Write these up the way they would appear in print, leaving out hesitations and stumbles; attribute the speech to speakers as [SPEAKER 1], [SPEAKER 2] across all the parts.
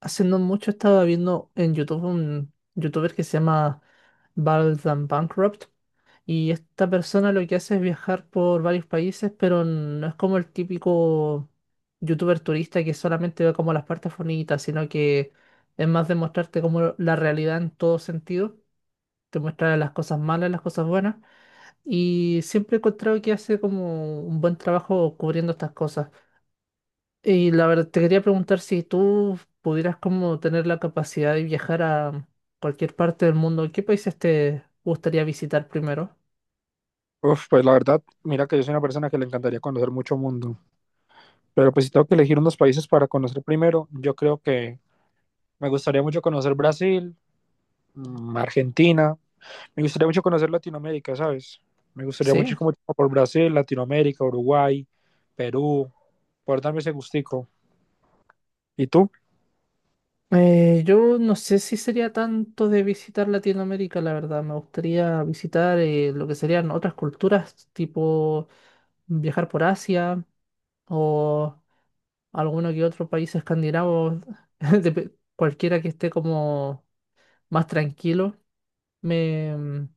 [SPEAKER 1] Hace no mucho estaba viendo en YouTube un youtuber que se llama Baldan Bankrupt y esta persona lo que hace es viajar por varios países, pero no es como el típico youtuber turista que solamente ve como las partes bonitas, sino que es más de mostrarte como la realidad en todo sentido, te muestra las cosas malas, las cosas buenas y siempre he encontrado que hace como un buen trabajo cubriendo estas cosas. Y la verdad, te quería preguntar si tú pudieras como tener la capacidad de viajar a cualquier parte del mundo, ¿qué países te gustaría visitar primero?
[SPEAKER 2] Uf, pues la verdad, mira que yo soy una persona que le encantaría conocer mucho mundo, pero pues si tengo que elegir unos países para conocer primero, yo creo que me gustaría mucho conocer Brasil, Argentina, me gustaría mucho conocer Latinoamérica, ¿sabes? Me gustaría mucho
[SPEAKER 1] Sí.
[SPEAKER 2] como por Brasil, Latinoamérica, Uruguay, Perú, por darme ese gustico. ¿Y tú?
[SPEAKER 1] Yo no sé si sería tanto de visitar Latinoamérica, la verdad. Me gustaría visitar lo que serían otras culturas, tipo viajar por Asia o alguno que otro país escandinavo, cualquiera que esté como más tranquilo, me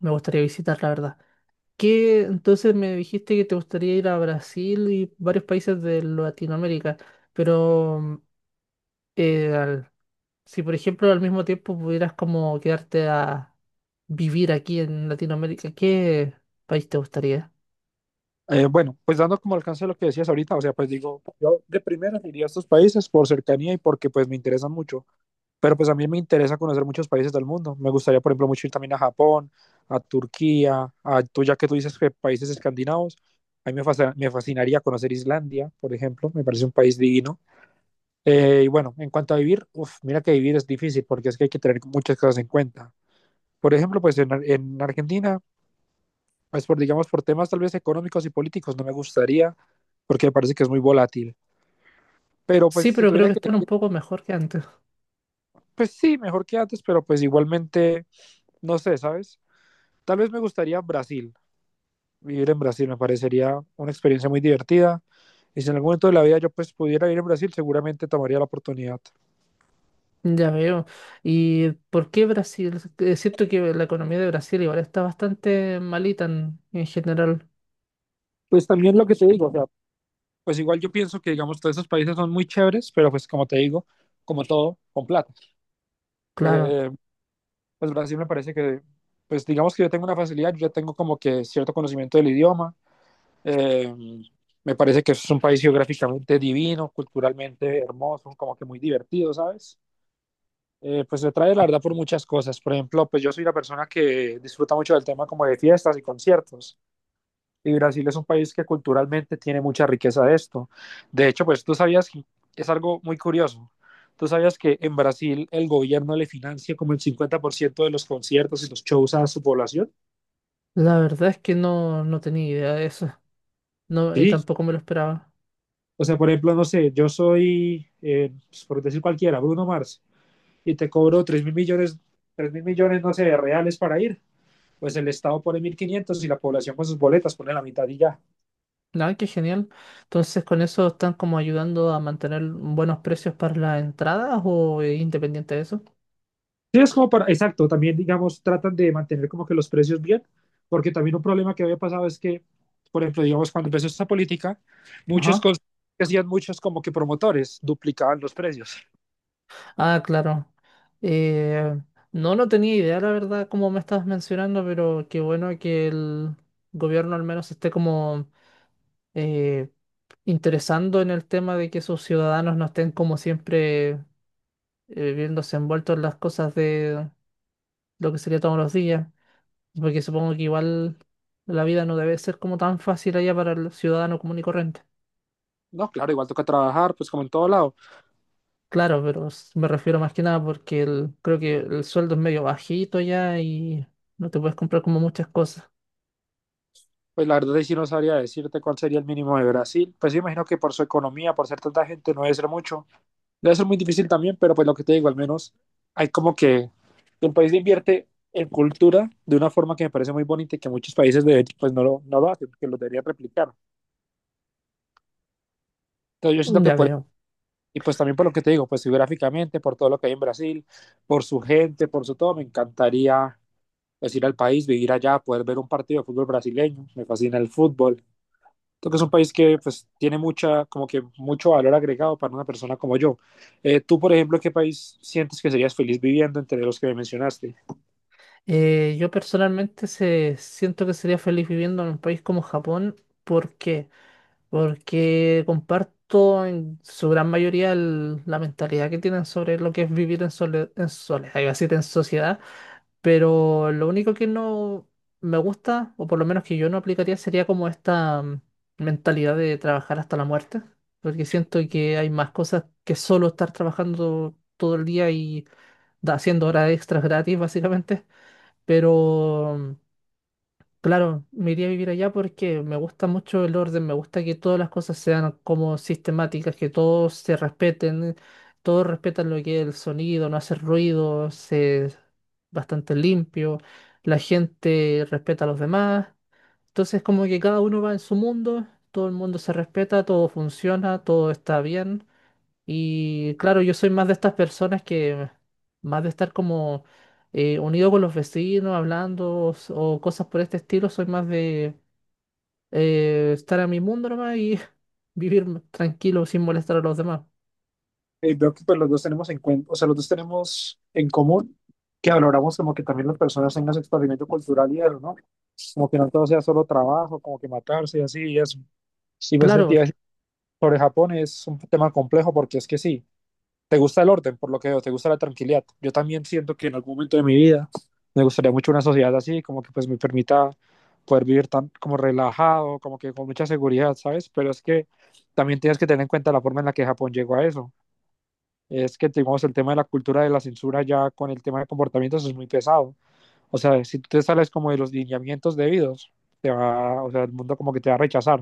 [SPEAKER 1] gustaría visitar, la verdad. ¿Qué? Entonces me dijiste que te gustaría ir a Brasil y varios países de Latinoamérica, pero eh, al- si por ejemplo al mismo tiempo pudieras como quedarte a vivir aquí en Latinoamérica, ¿qué país te gustaría?
[SPEAKER 2] Bueno, pues dando como alcance a lo que decías ahorita, o sea, pues digo, yo de primera iría a estos países por cercanía y porque pues me interesan mucho, pero pues a mí me interesa conocer muchos países del mundo. Me gustaría, por ejemplo, mucho ir también a Japón, a Turquía, a tú ya que tú dices que países escandinavos, a mí me, me fascinaría conocer Islandia, por ejemplo, me parece un país divino. Y bueno, en cuanto a vivir, uf, mira que vivir es difícil porque es que hay que tener muchas cosas en cuenta. Por ejemplo, pues en, en Argentina pues por, digamos, por temas tal vez económicos y políticos no me gustaría, porque me parece que es muy volátil. Pero
[SPEAKER 1] Sí,
[SPEAKER 2] pues si
[SPEAKER 1] pero creo
[SPEAKER 2] tuviera
[SPEAKER 1] que
[SPEAKER 2] que,
[SPEAKER 1] están un poco mejor que antes.
[SPEAKER 2] pues sí, mejor que antes, pero pues igualmente, no sé, ¿sabes? Tal vez me gustaría Brasil, vivir en Brasil, me parecería una experiencia muy divertida. Y si en algún momento de la vida yo pues pudiera ir a Brasil, seguramente tomaría la oportunidad.
[SPEAKER 1] Ya veo. ¿Y por qué Brasil? Es cierto que la economía de Brasil igual está bastante malita en general.
[SPEAKER 2] Pues también lo que te digo, o sea, pues igual yo pienso que, digamos, todos esos países son muy chéveres, pero pues como te digo, como todo, con plata.
[SPEAKER 1] Claro,
[SPEAKER 2] Eh, pues Brasil me parece que, pues digamos que yo tengo una facilidad, yo ya tengo como que cierto conocimiento del idioma. Eh, Me parece que es un país geográficamente divino, culturalmente hermoso, como que muy divertido, ¿sabes? Pues me trae la verdad por muchas cosas. Por ejemplo, pues yo soy una persona que disfruta mucho del tema como de fiestas y conciertos. Y Brasil es un país que culturalmente tiene mucha riqueza de esto. De hecho, pues tú sabías que es algo muy curioso. Tú sabías que en Brasil el gobierno le financia como el 50% de los conciertos y los shows a su población.
[SPEAKER 1] la verdad es que no, no tenía idea de eso. No, y
[SPEAKER 2] Sí.
[SPEAKER 1] tampoco me lo esperaba.
[SPEAKER 2] O sea, por ejemplo, no sé, yo soy, pues, por decir cualquiera, Bruno Mars, y te cobro 3.000.000.000, no sé, de reales para ir. Pues el Estado pone 1.500 y la población con sus boletas pone la mitad y ya.
[SPEAKER 1] Ah, qué genial. Entonces, ¿con eso están como ayudando a mantener buenos precios para las entradas o es independiente de eso?
[SPEAKER 2] Sí, es como para, exacto, también digamos, tratan de mantener como que los precios bien, porque también un problema que había pasado es que, por ejemplo, digamos, cuando empezó esta política, muchos
[SPEAKER 1] Ajá.
[SPEAKER 2] cons- hacían muchos como que promotores duplicaban los precios.
[SPEAKER 1] Ah, claro. Eh, no, no tenía idea, la verdad, como me estabas mencionando, pero qué bueno que el gobierno al menos esté como eh, interesando en el tema de que sus ciudadanos no estén como siempre viéndose envueltos en las cosas de lo que sería todos los días. Porque supongo que igual la vida no debe ser como tan fácil allá para el ciudadano común y corriente.
[SPEAKER 2] No, claro, igual toca trabajar, pues como en todo lado.
[SPEAKER 1] Claro, pero me refiero más que nada porque creo que el sueldo es medio bajito ya y no te puedes comprar como muchas cosas.
[SPEAKER 2] Pues la verdad es que no sabría decirte cuál sería el mínimo de Brasil. Pues yo imagino que por su economía, por ser tanta gente, no debe ser mucho, debe ser muy difícil también, pero pues lo que te digo, al menos hay como que el país invierte en cultura de una forma que me parece muy bonita y que muchos países de hecho pues no lo hacen, porque lo deberían replicar. Entonces yo
[SPEAKER 1] Mm,
[SPEAKER 2] siento que
[SPEAKER 1] ya
[SPEAKER 2] por,
[SPEAKER 1] veo.
[SPEAKER 2] y pues también por lo que te digo, pues geográficamente, por todo lo que hay en Brasil, por su gente, por su todo, me encantaría pues ir al país, vivir allá, poder ver un partido de fútbol brasileño, me fascina el fútbol, creo que es un país que pues tiene mucha, como que mucho valor agregado para una persona como yo. Tú, por ejemplo, ¿qué país sientes que serías feliz viviendo entre los que me mencionaste?
[SPEAKER 1] Yo personalmente siento que sería feliz viviendo en un país como Japón. ¿Por qué? Porque comparto en su gran mayoría la mentalidad que tienen sobre lo que es vivir en, en soledad, iba a decir en sociedad. Pero lo único que no me gusta, o por lo menos que yo no aplicaría, sería como esta mentalidad de trabajar hasta la muerte, porque siento que hay más cosas que solo estar trabajando todo el día y haciendo horas extras gratis, básicamente. Pero claro, me iría a vivir allá porque me gusta mucho el orden, me gusta que todas las cosas sean como sistemáticas, que todos se respeten, todos respetan lo que es el sonido, no hace ruido, es bastante limpio, la gente respeta a los demás, entonces como que cada uno va en su mundo, todo el mundo se respeta, todo funciona, todo está bien. Y claro, yo soy más de estas personas que más de estar como unido con los vecinos, hablando o cosas por este estilo, soy más de estar a mi mundo nomás y vivir tranquilo sin molestar a los demás.
[SPEAKER 2] Veo que pues los dos tenemos en o sea, los dos tenemos en común que valoramos como que también las personas tengan su experimento cultural y eso, ¿no? Como que no todo sea solo trabajo, como que matarse y así y eso. Y pues el
[SPEAKER 1] Claro,
[SPEAKER 2] sobre Japón es un tema complejo porque es que sí. Te gusta el orden, por lo que veo, te gusta la tranquilidad. Yo también siento que en algún momento de mi vida me gustaría mucho una sociedad así, como que pues me permita poder vivir tan como relajado, como que con mucha seguridad, ¿sabes? Pero es que también tienes que tener en cuenta la forma en la que Japón llegó a eso. Es que tenemos el tema de la cultura de la censura ya con el tema de comportamientos es muy pesado. O sea, si tú te sales como de los lineamientos debidos, te va, o sea, el mundo como que te va a rechazar.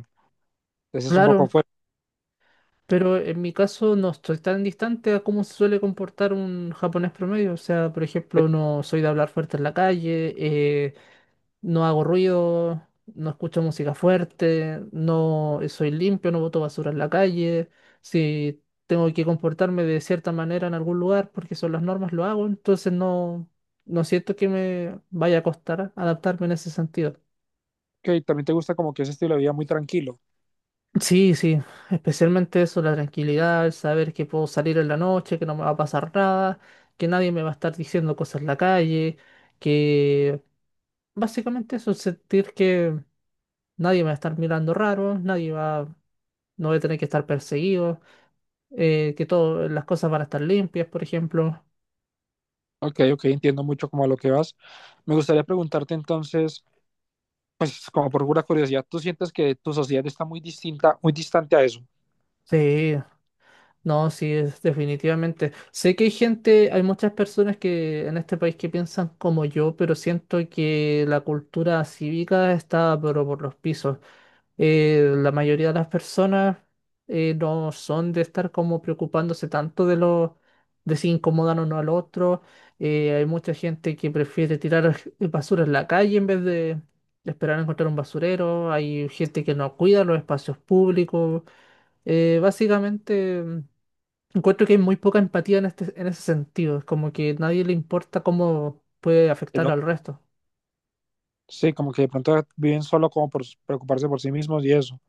[SPEAKER 2] Entonces es un poco
[SPEAKER 1] claro,
[SPEAKER 2] fuerte.
[SPEAKER 1] pero en mi caso no estoy tan distante a cómo se suele comportar un japonés promedio. O sea, por ejemplo, no soy de hablar fuerte en la calle, no hago ruido, no escucho música fuerte, no soy limpio, no boto basura en la calle, si tengo que comportarme de cierta manera en algún lugar porque son las normas, lo hago, entonces no, no siento que me vaya a costar adaptarme en ese sentido.
[SPEAKER 2] Ok, también te gusta como que ese estilo de vida muy tranquilo.
[SPEAKER 1] Sí, sí, especialmente eso, la tranquilidad, el saber que puedo salir en la noche, que no me va a pasar nada, que nadie me va a estar diciendo cosas en la calle, que básicamente eso, sentir que nadie me va a estar mirando raro, nadie va no voy a tener que estar perseguido, que todas las cosas van a estar limpias, por ejemplo.
[SPEAKER 2] Ok, ok, entiendo mucho como a lo que vas. Me gustaría preguntarte entonces, pues como por pura curiosidad, ¿tú sientes que tu sociedad está muy distinta, muy distante a eso?
[SPEAKER 1] Sí, no, sí, es definitivamente. Sé que hay gente, hay muchas personas que en este país que piensan como yo, pero siento que la cultura cívica está pero por los pisos. La mayoría de las personas no son de estar como preocupándose tanto de los de si incomodan o no al otro. Hay mucha gente que prefiere tirar basura en la calle en vez de esperar a encontrar un basurero. Hay gente que no cuida los espacios públicos. Básicamente, encuentro que hay muy poca empatía en este, en ese sentido. Es como que nadie le importa cómo puede
[SPEAKER 2] Que
[SPEAKER 1] afectar
[SPEAKER 2] no,
[SPEAKER 1] al resto.
[SPEAKER 2] sí, como que de pronto viven solo como por preocuparse por sí mismos y eso.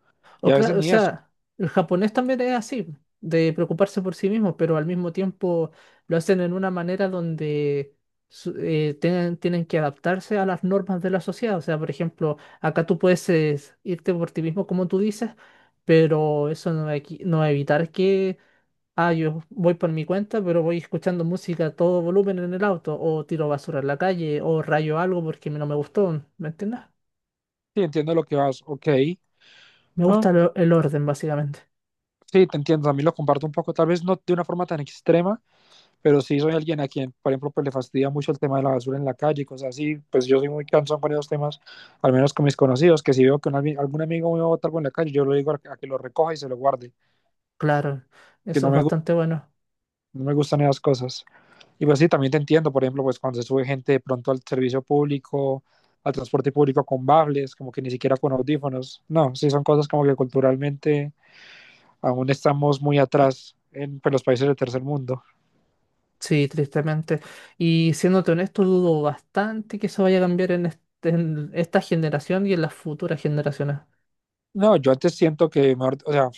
[SPEAKER 2] Y
[SPEAKER 1] O,
[SPEAKER 2] a veces
[SPEAKER 1] o
[SPEAKER 2] ni eso.
[SPEAKER 1] sea, el japonés también es así, de preocuparse por sí mismo, pero al mismo tiempo lo hacen en una manera donde tienen que adaptarse a las normas de la sociedad. O sea, por ejemplo, acá tú puedes irte por ti mismo, como tú dices, pero eso no va a no va a evitar que, ah, yo voy por mi cuenta, pero voy escuchando música a todo volumen en el auto, o tiro basura en la calle, o rayo algo porque no me gustó, ¿me entiendes?
[SPEAKER 2] Sí, entiendo lo que vas. Ok.
[SPEAKER 1] Me
[SPEAKER 2] Ah,
[SPEAKER 1] gusta el orden, básicamente.
[SPEAKER 2] sí, te entiendo. También lo comparto un poco, tal vez no de una forma tan extrema, pero sí soy alguien a quien, por ejemplo, pues le fastidia mucho el tema de la basura en la calle y cosas así, pues yo soy muy cansón con esos temas, al menos con mis conocidos, que si veo que un algún amigo me va a botar algo en la calle, yo lo digo a que lo recoja y se lo guarde,
[SPEAKER 1] Claro,
[SPEAKER 2] que
[SPEAKER 1] eso
[SPEAKER 2] no
[SPEAKER 1] es
[SPEAKER 2] me,
[SPEAKER 1] bastante bueno.
[SPEAKER 2] no me gustan esas cosas. Y pues sí, también te entiendo, por ejemplo, pues cuando se sube gente de pronto al servicio público, al transporte público con bables, como que ni siquiera con audífonos, no, sí son cosas como que culturalmente aún estamos muy atrás en pues, los países del tercer mundo.
[SPEAKER 1] Sí, tristemente. Y siéndote honesto, dudo bastante que eso vaya a cambiar en, en esta generación y en las futuras generaciones.
[SPEAKER 2] No, yo antes siento que, mejor, o sea,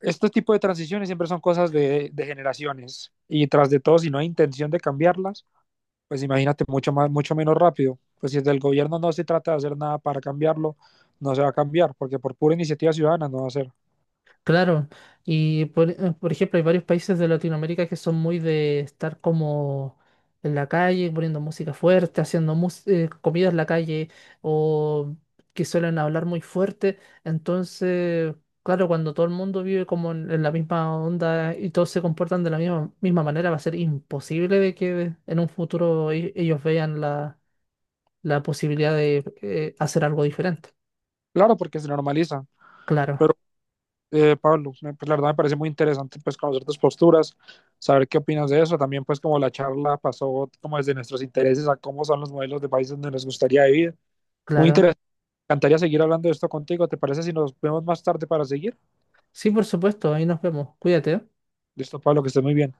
[SPEAKER 2] este tipo de transiciones siempre son cosas generaciones y tras de todo, si no hay intención de cambiarlas, pues imagínate mucho, más, mucho menos rápido. Pues si desde el gobierno no se trata de hacer nada para cambiarlo, no se va a cambiar, porque por pura iniciativa ciudadana no va a ser.
[SPEAKER 1] Claro, y por ejemplo hay varios países de Latinoamérica que son muy de estar como en la calle, poniendo música fuerte, haciendo comida en la calle o que suelen hablar muy fuerte. Entonces, claro, cuando todo el mundo vive como en la misma onda y todos se comportan de la misma manera, va a ser imposible de que en un futuro ellos vean la, la posibilidad de hacer algo diferente.
[SPEAKER 2] Claro, porque se normaliza.
[SPEAKER 1] Claro,
[SPEAKER 2] Pero, Pablo, me, pues la verdad me parece muy interesante pues conocer tus posturas, saber qué opinas de eso. También pues como la charla pasó como desde nuestros intereses a cómo son los modelos de países donde nos gustaría vivir. Muy
[SPEAKER 1] claro.
[SPEAKER 2] interesante. Me encantaría seguir hablando de esto contigo. ¿Te parece si nos vemos más tarde para seguir?
[SPEAKER 1] Sí, por supuesto, ahí nos vemos. Cuídate. ¿Eh?
[SPEAKER 2] Listo, Pablo, que estés muy bien.